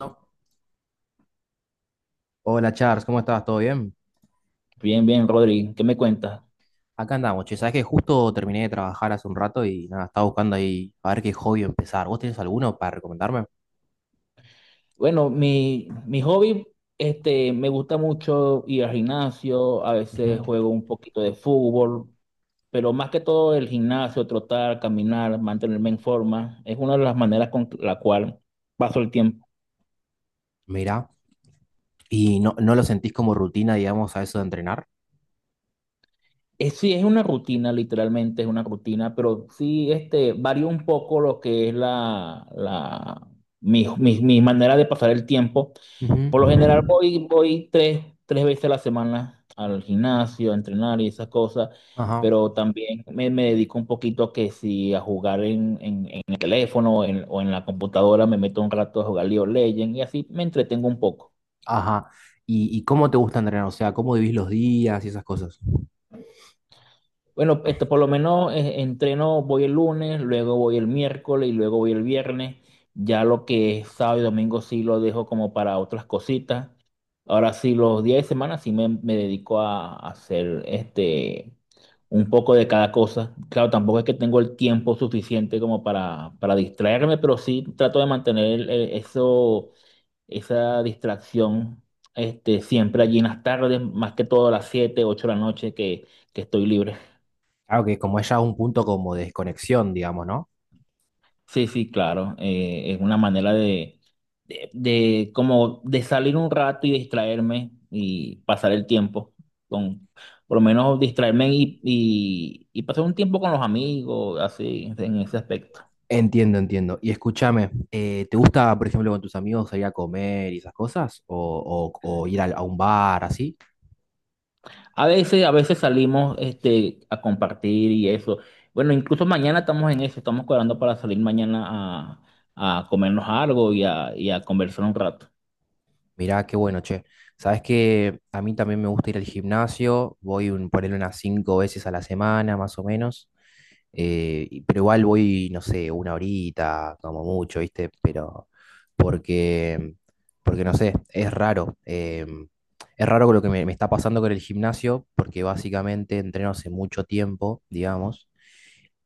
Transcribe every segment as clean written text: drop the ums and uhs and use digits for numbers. No. Hola Charles, ¿cómo estás? ¿Todo bien? Bien, bien, Rodri, ¿qué me cuentas? Acá andamos, che, sabes que justo terminé de trabajar hace un rato y nada, estaba buscando ahí a ver qué hobby empezar. ¿Vos tenés alguno para recomendarme? Bueno, mi hobby, me gusta mucho ir al gimnasio, a veces Ujú. juego un poquito de fútbol, pero más que todo el gimnasio, trotar, caminar, mantenerme en forma, es una de las maneras con la cual paso el tiempo. Mirá, ¿y no lo sentís como rutina, digamos, a eso de entrenar? Sí, es una rutina, literalmente es una rutina, pero sí varía un poco lo que es la, mi manera de pasar el tiempo. Ujú. Por lo general voy tres veces a la semana al gimnasio, a entrenar y esas cosas, Ajá, pero también me dedico un poquito a que si a jugar en el teléfono o en la computadora, me meto un rato a jugar League of Legends y así me entretengo un poco. ajá. Y cómo te gusta entrenar? O sea, ¿cómo vivís los días y esas cosas? Bueno, por lo menos entreno, voy el lunes, luego voy el miércoles y luego voy el viernes. Ya lo que es sábado y domingo sí lo dejo como para otras cositas. Ahora sí, los días de semana sí me dedico a hacer un poco de cada cosa. Claro, tampoco es que tengo el tiempo suficiente como para distraerme, pero sí trato de mantener eso, esa distracción siempre allí en las tardes, más que todo a las 7, 8 de la noche que estoy libre. Claro que como es ya un punto como de desconexión, digamos, ¿no? Sí, sí, claro. Es una manera de como de salir un rato y distraerme y pasar el tiempo con, por lo menos distraerme y pasar un tiempo con los amigos, así, en ese aspecto. Entiendo, entiendo. Y escúchame, ¿te gusta, por ejemplo, con tus amigos salir a comer y esas cosas? ¿O, o ir a un bar así? A veces, salimos a compartir y eso. Bueno, incluso mañana estamos en eso, estamos cuadrando para salir mañana a comernos algo y a conversar un rato. Mirá, qué bueno, che. Sabes que a mí también me gusta ir al gimnasio, voy un, ponerle unas 5 veces a la semana, más o menos. Pero igual voy, no sé, una horita, como mucho, ¿viste? Pero porque, porque no sé, es raro. Es raro con lo que me está pasando con el gimnasio, porque básicamente entreno hace mucho tiempo, digamos.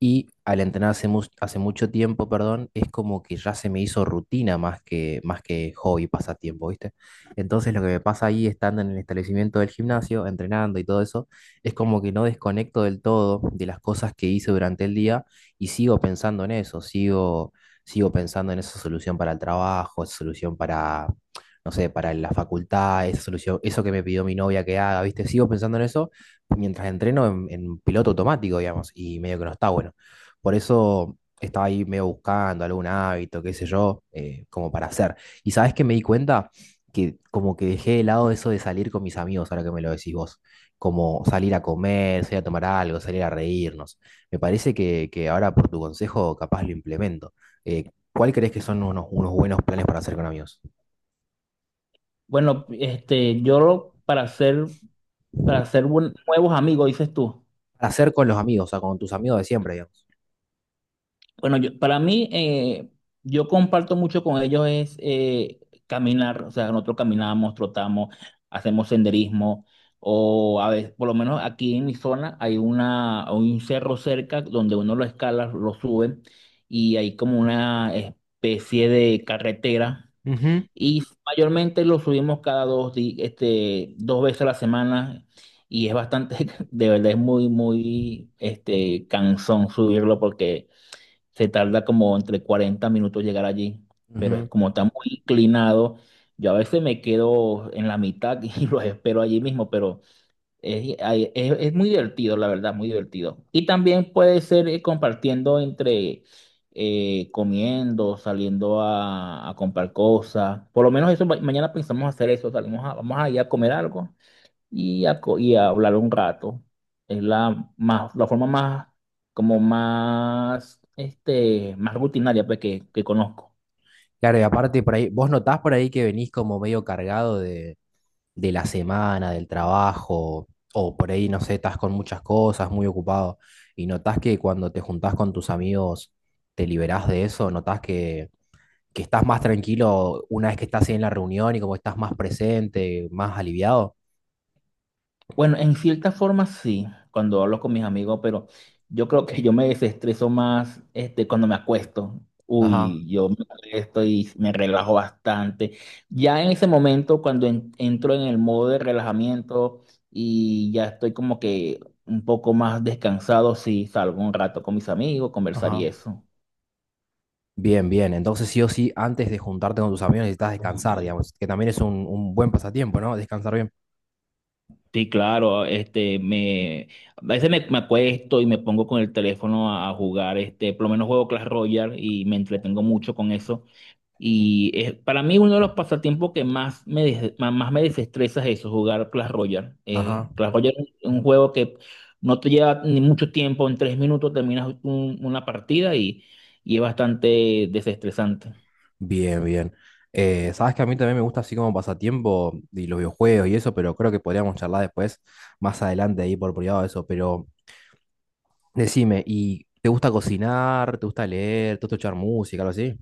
Y al entrenar hace, hace mucho tiempo, perdón, es como que ya se me hizo rutina más que hobby, pasatiempo, ¿viste? Entonces lo que me pasa ahí estando en el establecimiento del gimnasio, entrenando y todo eso, es como que no desconecto del todo de las cosas que hice durante el día y sigo pensando en eso, sigo, sigo pensando en esa solución para el trabajo, esa solución para, no sé, para la facultad, esa solución, eso que me pidió mi novia que haga, ¿viste? Sigo pensando en eso mientras entreno en piloto automático, digamos, y medio que no está bueno. Por eso estaba ahí medio buscando algún hábito, qué sé yo, como para hacer. ¿Y sabes qué me di cuenta? Que como que dejé de lado eso de salir con mis amigos, ahora que me lo decís vos, como salir a comer, salir a tomar algo, salir a reírnos. Me parece que ahora por tu consejo capaz lo implemento. ¿Cuál crees que son unos, unos buenos planes para hacer con amigos? Bueno, este, yo para hacer Para hacer nuevos amigos, dices tú. Para hacer con los amigos, o sea, con tus amigos de siempre, digamos. Bueno, para mí, yo comparto mucho con ellos es caminar, o sea, nosotros caminamos, trotamos, hacemos senderismo, o a veces, por lo menos aquí en mi zona, hay un cerro cerca donde uno lo escala, lo sube, y hay como una especie de carretera. Ujú. Y mayormente lo subimos cada 2 veces a la semana y es bastante, de verdad es muy, muy, cansón subirlo porque se tarda como entre 40 minutos llegar allí, pero es Ujú. como está muy inclinado, yo a veces me quedo en la mitad y los espero allí mismo, pero ay, es muy divertido, la verdad, muy divertido. Y también puede ser compartiendo entre comiendo, saliendo a comprar cosas. Por lo menos eso, mañana pensamos hacer eso. Vamos a ir a comer algo y a hablar un rato. Es la forma más, como más, más rutinaria pues, que conozco. Claro, y aparte por ahí, ¿vos notás por ahí que venís como medio cargado de la semana, del trabajo, o por ahí, no sé, estás con muchas cosas, muy ocupado, y notás que cuando te juntás con tus amigos, te liberás de eso, notás que estás más tranquilo una vez que estás ahí en la reunión y como estás más presente, más aliviado. Bueno, en cierta forma sí, cuando hablo con mis amigos, pero yo creo que yo me desestreso más cuando me acuesto. Ajá, Uy, yo me acuesto y me relajo bastante. Ya en ese momento, cuando entro en el modo de relajamiento y ya estoy como que un poco más descansado, sí, salgo un rato con mis amigos, conversar y ajá. eso. Bien, bien. Entonces, sí o sí, antes de juntarte con tus amigos necesitas descansar, digamos, que también es un buen pasatiempo, ¿no? Descansar bien. Sí, claro, a veces me acuesto y me pongo con el teléfono a jugar, por lo menos juego Clash Royale y me entretengo mucho con eso. Y para mí uno de los pasatiempos que más me desestresa es eso, jugar Clash Royale. Ajá. Clash Royale es un juego que no te lleva ni mucho tiempo, en 3 minutos terminas una partida y es bastante desestresante. Bien, bien. Sabes que a mí también me gusta así como pasatiempo y los videojuegos y eso, pero creo que podríamos charlar después, más adelante ahí por privado de eso. Pero decime, ¿y te gusta cocinar? ¿Te gusta leer? ¿Te gusta escuchar música, algo así?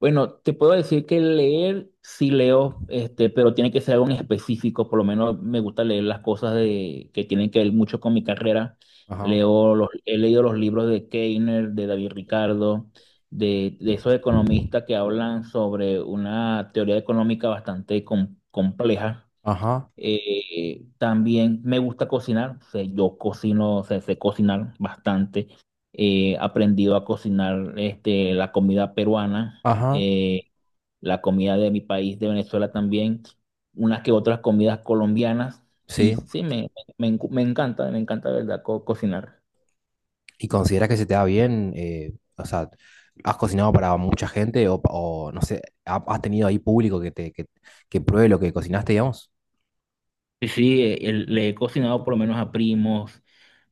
Bueno, te puedo decir que leer sí leo, pero tiene que ser algo en específico. Por lo menos me gusta leer las cosas que tienen que ver mucho con mi carrera. Ajá, Leo he leído los libros de Keiner, de David Ricardo, de esos economistas que hablan sobre una teoría económica bastante compleja. ajá, También me gusta cocinar, o sea, yo cocino, o sea, sé cocinar bastante. He aprendido a cocinar la comida peruana, ajá. La comida de mi país, de Venezuela también, unas que otras comidas colombianas. Sí. Y sí, me encanta, me encanta, ¿de verdad?, cocinar. ¿Y consideras que se te da bien? O sea, ¿has cocinado para mucha gente o, o no sé, has tenido ahí público que te que pruebe lo que cocinaste, digamos? Sí, sí, le he cocinado por lo menos a primos,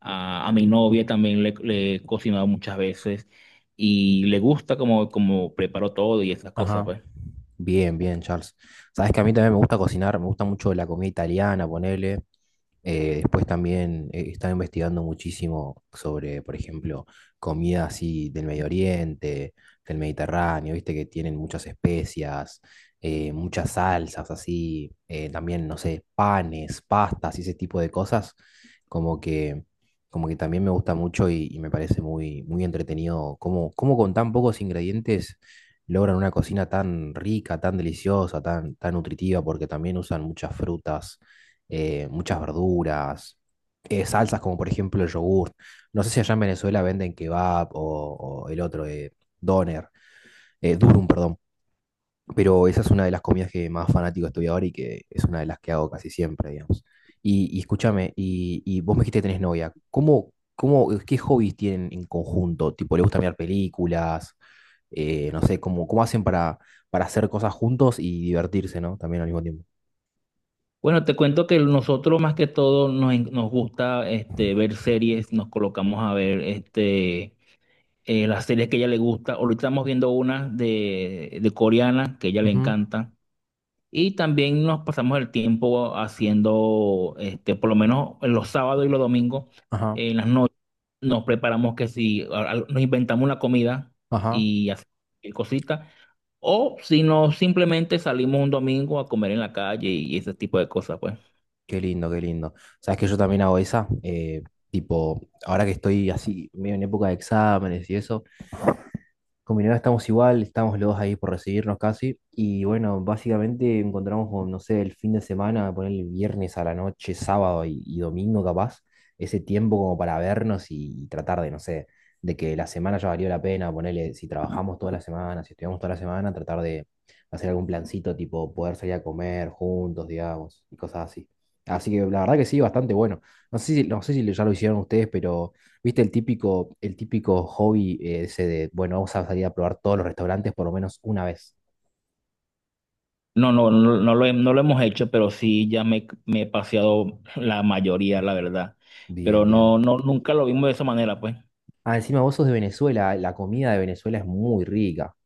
a mi novia también le he cocinado muchas veces y le gusta como preparo todo y esas cosas, Ajá. pues. Bien, bien, Charles. Sabes que a mí también me gusta cocinar, me gusta mucho la comida italiana, ponele. Después también he estado investigando muchísimo sobre, por ejemplo, comida así del Medio Oriente, del Mediterráneo, viste que tienen muchas especias, muchas salsas así, también, no sé, panes, pastas y ese tipo de cosas, como que, como que también me gusta mucho y me parece muy, muy entretenido cómo, cómo con tan pocos ingredientes logran una cocina tan rica, tan deliciosa, tan, tan nutritiva, porque también usan muchas frutas, muchas verduras, salsas como por ejemplo el yogur. No sé si allá en Venezuela venden kebab o el otro, doner, durum, perdón. Pero esa es una de las comidas que más fanático estoy ahora y que es una de las que hago casi siempre, digamos. Y escúchame, y vos me dijiste que tenés novia. ¿Cómo, cómo, qué hobbies tienen en conjunto? Tipo, ¿le gusta mirar películas? No sé, cómo, cómo hacen para hacer cosas juntos y divertirse, ¿no? También al mismo tiempo. Bueno, te cuento que nosotros más que todo nos gusta ver series, nos colocamos a ver las series que a ella le gusta. Ahorita estamos viendo una de coreana que a ella le Ujú, encanta. Y también nos pasamos el tiempo haciendo, por lo menos los sábados y los domingos, ajá, en las noches, nos preparamos que si nos inventamos una comida ajá. y hacemos cositas, o si no, simplemente salimos un domingo a comer en la calle y ese tipo de cosas, pues. Qué lindo, qué lindo. Sabes que yo también hago esa, tipo, ahora que estoy así, medio en época de exámenes y eso. Con mi novia estamos igual, estamos los dos ahí por recibirnos casi. Y bueno, básicamente encontramos, con, no sé, el fin de semana, poner el viernes a la noche, sábado y domingo capaz, ese tiempo como para vernos y tratar de, no sé, de que la semana ya valió la pena, ponerle, si trabajamos toda la semana, si estudiamos toda la semana, tratar de hacer algún plancito, tipo poder salir a comer juntos, digamos, y cosas así. Así que la verdad que sí, bastante bueno. No sé si, no sé si ya lo hicieron ustedes, pero... ¿Viste el típico hobby ese de, bueno, vamos a salir a probar todos los restaurantes por lo menos una vez? No, no, no, no lo hemos hecho, pero sí ya me he paseado la mayoría, la verdad. Bien, Pero bien. no, no, nunca lo vimos de esa manera, pues. Ah, encima vos sos de Venezuela, la comida de Venezuela es muy rica.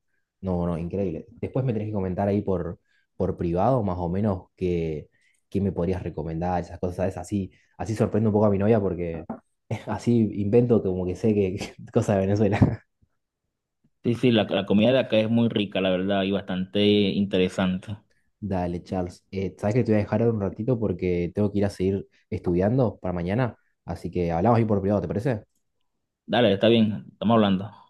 No, no, increíble. Después me tenés que comentar ahí por privado, más o menos, qué, qué me podrías recomendar, esas cosas, ¿sabes? Así, así sorprendo un poco a mi novia porque así invento como que sé que, cosa de Venezuela. Sí, sí, la comida de acá es muy rica, la verdad, y bastante interesante. Dale, Charles. Sabes que te voy a dejar ahora un ratito porque tengo que ir a seguir estudiando para mañana. Así que hablamos ahí por privado, ¿te parece? Dale, está bien, estamos hablando.